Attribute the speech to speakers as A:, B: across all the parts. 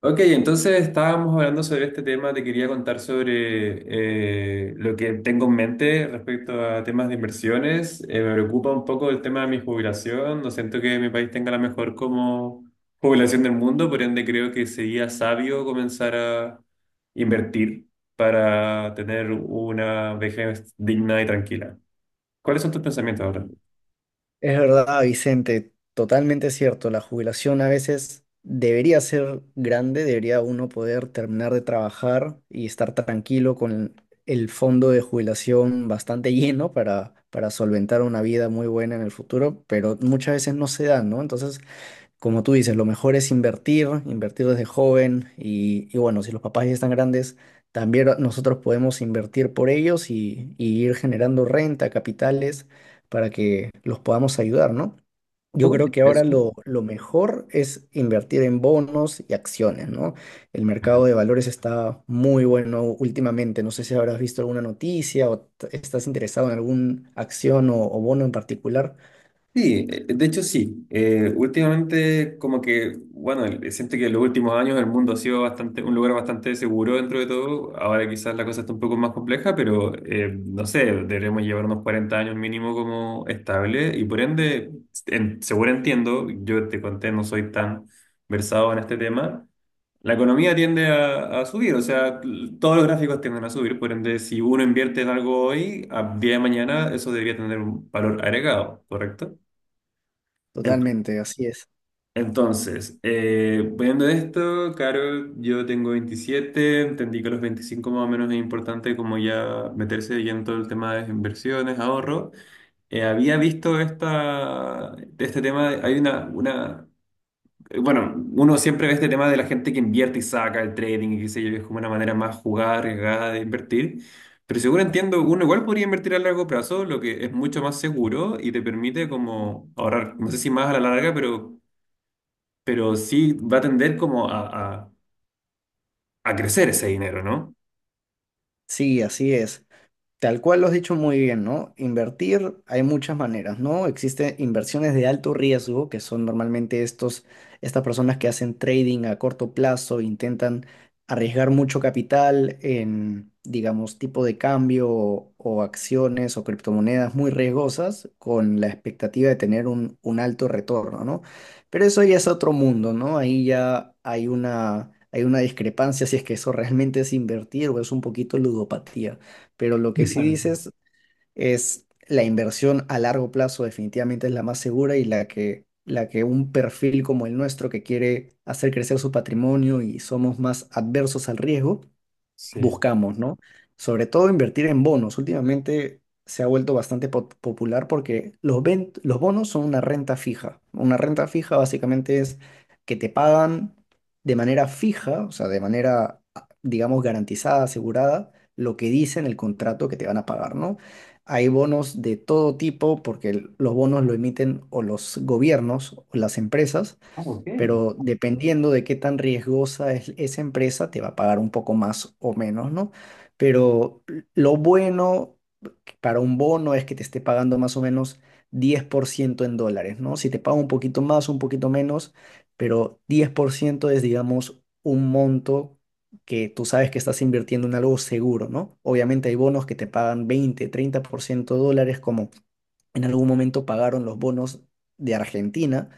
A: Ok, entonces estábamos hablando sobre este tema, te quería contar sobre lo que tengo en mente respecto a temas de inversiones. Me preocupa un poco el tema de mi jubilación, no siento que mi país tenga la mejor como jubilación del mundo, por ende creo que sería sabio comenzar a invertir para tener una vejez digna y tranquila. ¿Cuáles son tus pensamientos ahora?
B: Es verdad, Vicente, totalmente cierto. La jubilación a veces debería ser grande, debería uno poder terminar de trabajar y estar tranquilo con el fondo de jubilación bastante lleno para solventar una vida muy buena en el futuro, pero muchas veces no se da, ¿no? Entonces, como tú dices, lo mejor es invertir desde joven y bueno, si los papás ya están grandes, también nosotros podemos invertir por ellos y ir generando renta, capitales, para que los podamos ayudar, ¿no? Yo
A: ¿Cómo
B: creo
A: que
B: que ahora
A: eso?
B: lo mejor es invertir en bonos y acciones, ¿no? El mercado de valores está muy bueno últimamente. No sé si habrás visto alguna noticia o estás interesado en alguna acción o bono en particular.
A: Sí, de hecho sí. Últimamente como que, bueno, siento que en los últimos años el mundo ha sido bastante, un lugar bastante seguro dentro de todo. Ahora quizás la cosa está un poco más compleja, pero no sé, deberíamos llevar unos 40 años mínimo como estable y por ende, seguro entiendo, yo te conté, no soy tan versado en este tema. La economía tiende a subir, o sea, todos los gráficos tienden a subir, por ende, si uno invierte en algo hoy, a día de mañana eso debería tener un valor agregado, ¿correcto? Ent-
B: Totalmente, así es.
A: Entonces, viendo esto, Caro, yo tengo 27, entendí que a los 25 más o menos es importante como ya meterse ya en todo el tema de inversiones, ahorro. Había visto esta, este tema, hay bueno, uno siempre ve este tema de la gente que invierte y saca el trading y qué sé yo, es como una manera más jugada, arriesgada de invertir. Pero seguro entiendo, uno igual podría invertir a largo plazo, lo que es mucho más seguro y te permite como ahorrar, no sé si más a la larga, pero sí va a tender como a, a- a crecer ese dinero, ¿no?
B: Sí, así es. Tal cual lo has dicho muy bien, ¿no? Invertir hay muchas maneras, ¿no? Existen inversiones de alto riesgo, que son normalmente estas personas que hacen trading a corto plazo, intentan arriesgar mucho capital en, digamos, tipo de cambio o acciones o criptomonedas muy riesgosas con la expectativa de tener un alto retorno, ¿no? Pero eso ya es otro mundo, ¿no? Ahí ya hay una discrepancia si es que eso realmente es invertir o es un poquito ludopatía. Pero lo que sí
A: Claro.
B: dices es la inversión a largo plazo definitivamente es la más segura y la que un perfil como el nuestro que quiere hacer crecer su patrimonio y somos más adversos al riesgo,
A: Sí.
B: buscamos, ¿no? Sobre todo invertir en bonos. Últimamente se ha vuelto bastante popular porque los bonos son una renta fija. Una renta fija básicamente es que te pagan de manera fija, o sea, de manera, digamos, garantizada, asegurada, lo que dice en el contrato que te van a pagar, ¿no? Hay bonos de todo tipo porque los bonos lo emiten o los gobiernos o las empresas,
A: Ah, ok.
B: pero dependiendo de qué tan riesgosa es esa empresa, te va a pagar un poco más o menos, ¿no? Pero lo bueno para un bono es que te esté pagando más o menos 10% en dólares, ¿no? Si te paga un poquito más, un poquito menos, pero 10% es, digamos, un monto que tú sabes que estás invirtiendo en algo seguro, ¿no? Obviamente hay bonos que te pagan 20, 30% dólares, como en algún momento pagaron los bonos de Argentina,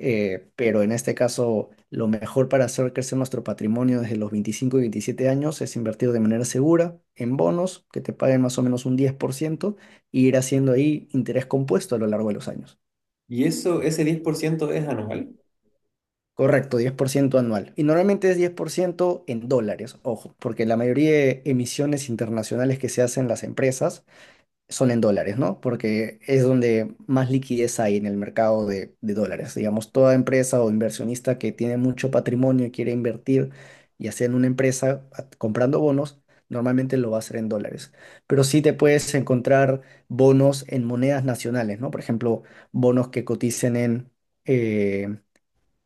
B: pero en este caso, lo mejor para hacer crecer nuestro patrimonio desde los 25 y 27 años es invertir de manera segura en bonos que te paguen más o menos un 10% y ir haciendo ahí interés compuesto a lo largo de los años.
A: Y eso, ese 10% es anual.
B: Correcto, 10% anual. Y normalmente es 10% en dólares, ojo, porque la mayoría de emisiones internacionales que se hacen las empresas son en dólares, ¿no? Porque es donde más liquidez hay en el mercado de dólares. Digamos, toda empresa o inversionista que tiene mucho patrimonio y quiere invertir, ya sea en una empresa comprando bonos, normalmente lo va a hacer en dólares. Pero sí te puedes encontrar bonos en monedas nacionales, ¿no? Por ejemplo, bonos que coticen en eh,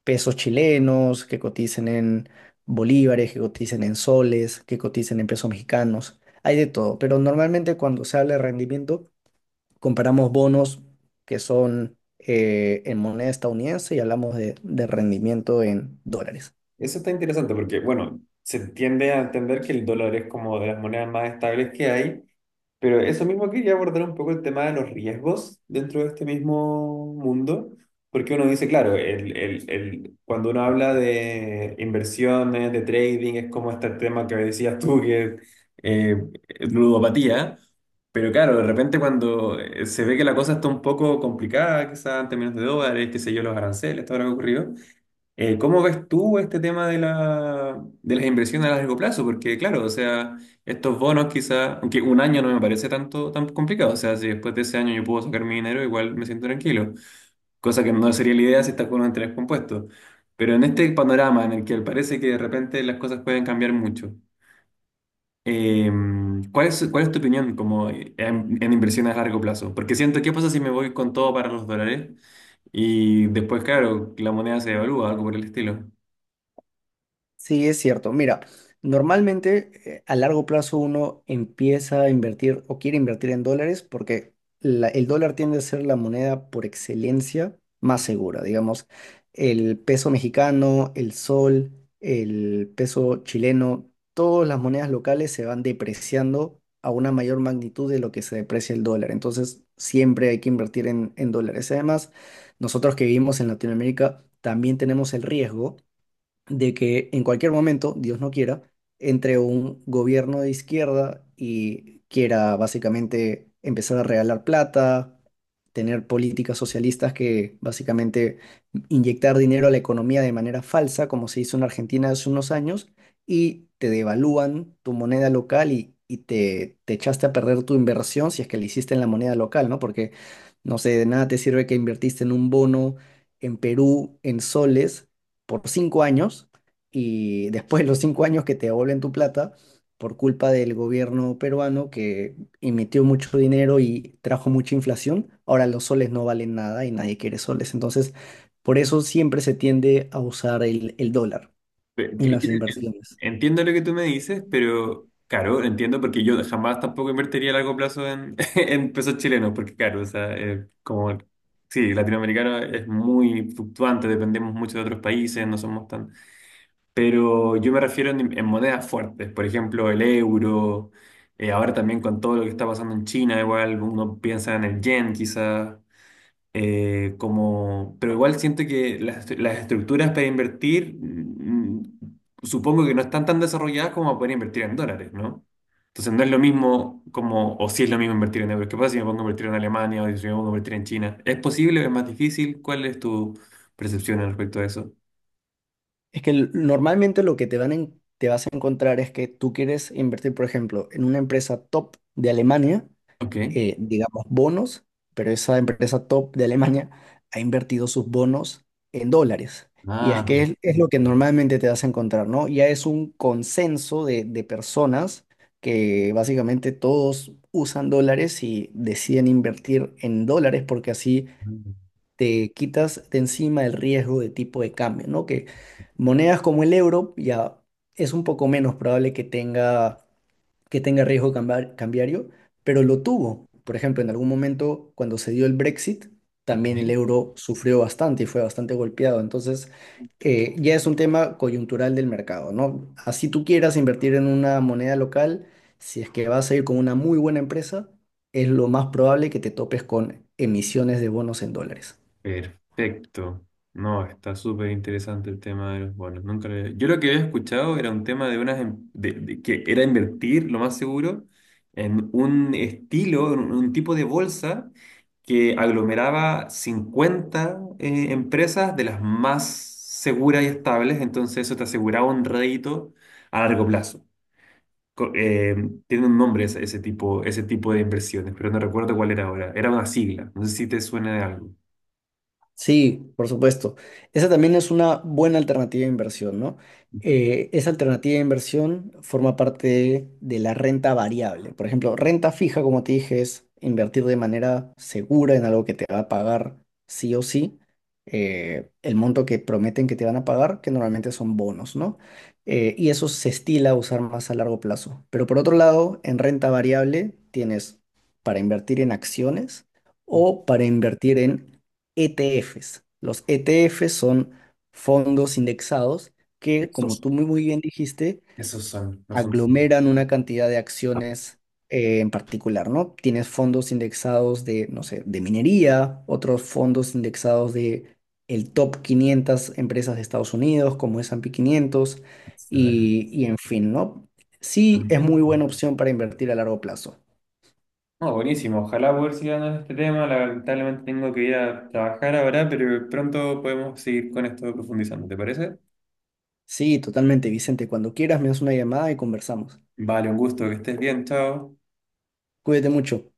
B: pesos chilenos, que coticen en bolívares, que coticen en soles, que coticen en pesos mexicanos. Hay de todo, pero normalmente cuando se habla de rendimiento, comparamos bonos que son en moneda estadounidense y hablamos de rendimiento en dólares.
A: Eso está interesante porque, bueno, se tiende a entender que el dólar es como de las monedas más estables que hay, pero eso mismo quería abordar un poco el tema de los riesgos dentro de este mismo mundo, porque uno dice, claro, cuando uno habla de inversiones, de trading, es como este tema que decías tú, que eh, ludopatía, pero claro, de repente cuando se ve que la cosa está un poco complicada, quizás en términos de dólares, qué sé yo, los aranceles, todo lo que ha ocurrido, ¿cómo ves tú este tema de la, de las inversiones a largo plazo? Porque claro, o sea, estos bonos quizá, aunque un año no me parece tanto tan complicado, o sea, si después de ese año yo puedo sacar mi dinero, igual me siento tranquilo, cosa que no sería la idea si estás con un interés compuesto. Pero en este panorama en el que parece que de repente las cosas pueden cambiar mucho, eh, ¿cuál es tu opinión como en inversiones a largo plazo? Porque siento, ¿qué pasa si me voy con todo para los dólares y después, claro, la moneda se devalúa, algo por el estilo?
B: Sí, es cierto. Mira, normalmente a largo plazo uno empieza a invertir o quiere invertir en dólares porque el dólar tiende a ser la moneda por excelencia más segura. Digamos, el peso mexicano, el sol, el peso chileno, todas las monedas locales se van depreciando a una mayor magnitud de lo que se deprecia el dólar. Entonces, siempre hay que invertir en dólares. Además, nosotros que vivimos en Latinoamérica también tenemos el riesgo de que en cualquier momento, Dios no quiera, entre un gobierno de izquierda y quiera básicamente empezar a regalar plata, tener políticas socialistas que básicamente inyectar dinero a la economía de manera falsa, como se hizo en Argentina hace unos años, y te devalúan tu moneda local y te echaste a perder tu inversión si es que la hiciste en la moneda local, ¿no? Porque, no sé, de nada te sirve que invertiste en un bono en Perú en soles por 5 años y después de los 5 años que te devuelven tu plata por culpa del gobierno peruano que emitió mucho dinero y trajo mucha inflación, ahora los soles no valen nada y nadie quiere soles. Entonces, por eso siempre se tiende a usar el dólar en las inversiones.
A: Entiendo lo que tú me dices, pero claro, entiendo porque yo jamás tampoco invertiría a largo plazo en, en pesos chilenos, porque claro, o sea, como, sí, latinoamericano es muy fluctuante, dependemos mucho de otros países, no somos tan... Pero yo me refiero en monedas fuertes, por ejemplo, el euro, ahora también con todo lo que está pasando en China, igual uno piensa en el yen quizás, como, pero igual siento que las, las estructuras para invertir, supongo que no están tan desarrolladas como para poder invertir en dólares, ¿no? Entonces no es lo mismo como, o si es lo mismo invertir en euros. ¿Qué pasa si me pongo a invertir en Alemania o si me pongo a invertir en China? ¿Es posible? ¿Es más difícil? ¿Cuál es tu percepción al respecto de eso?
B: Es que normalmente lo que te vas a encontrar es que tú quieres invertir, por ejemplo, en una empresa top de Alemania,
A: Ok.
B: digamos, bonos, pero esa empresa top de Alemania ha invertido sus bonos en dólares. Y es
A: Ah,
B: que es lo que
A: perfecto.
B: normalmente te vas a encontrar, ¿no? Ya es un consenso de personas que básicamente todos usan dólares y deciden invertir en dólares porque así te quitas de encima el riesgo de tipo de cambio, ¿no? Que monedas como el euro ya es un poco menos probable que tenga riesgo cambiario, pero lo tuvo. Por ejemplo, en algún momento cuando se dio el Brexit,
A: Ok.
B: también el euro sufrió bastante y fue bastante golpeado. Entonces, ya es un tema coyuntural del mercado, ¿no? Así tú quieras invertir en una moneda local, si es que vas a ir con una muy buena empresa, es lo más probable que te topes con emisiones de bonos en dólares.
A: Perfecto. No, está súper interesante el tema de los bonos. Nunca lo había- Yo lo que había escuchado era un tema de unas de que era invertir, lo más seguro, en un estilo, en un tipo de bolsa que aglomeraba 50 empresas de las más seguras y estables, entonces eso te aseguraba un rédito a largo plazo. Co- eh, Tiene un nombre ese, ese tipo de inversiones, pero no recuerdo cuál era ahora. Era una sigla, no sé si te suena de algo.
B: Sí, por supuesto. Esa también es una buena alternativa de inversión, ¿no? Esa alternativa de inversión forma parte de la renta variable. Por ejemplo, renta fija, como te dije, es invertir de manera segura en algo que te va a pagar sí o sí, el monto que prometen que te van a pagar, que normalmente son bonos, ¿no? Y eso se estila a usar más a largo plazo. Pero por otro lado, en renta variable tienes para invertir en acciones o para invertir en ETFs. Los ETFs son fondos indexados que, como tú muy, muy bien dijiste,
A: Esos son los fundamentos.
B: aglomeran una cantidad de acciones, en particular, ¿no? Tienes fondos indexados de, no sé, de minería, otros fondos indexados de el top 500 empresas de Estados Unidos, como S&P 500 y en fin, ¿no? Sí, es muy buena opción para invertir a largo plazo.
A: No, buenísimo. Ojalá poder seguir hablando de este tema. Lamentablemente tengo que ir a trabajar ahora, pero pronto podemos seguir con esto profundizando. ¿Te parece?
B: Sí, totalmente, Vicente. Cuando quieras me das una llamada y conversamos.
A: Vale, un gusto. Que estés bien. Chao.
B: Cuídate mucho.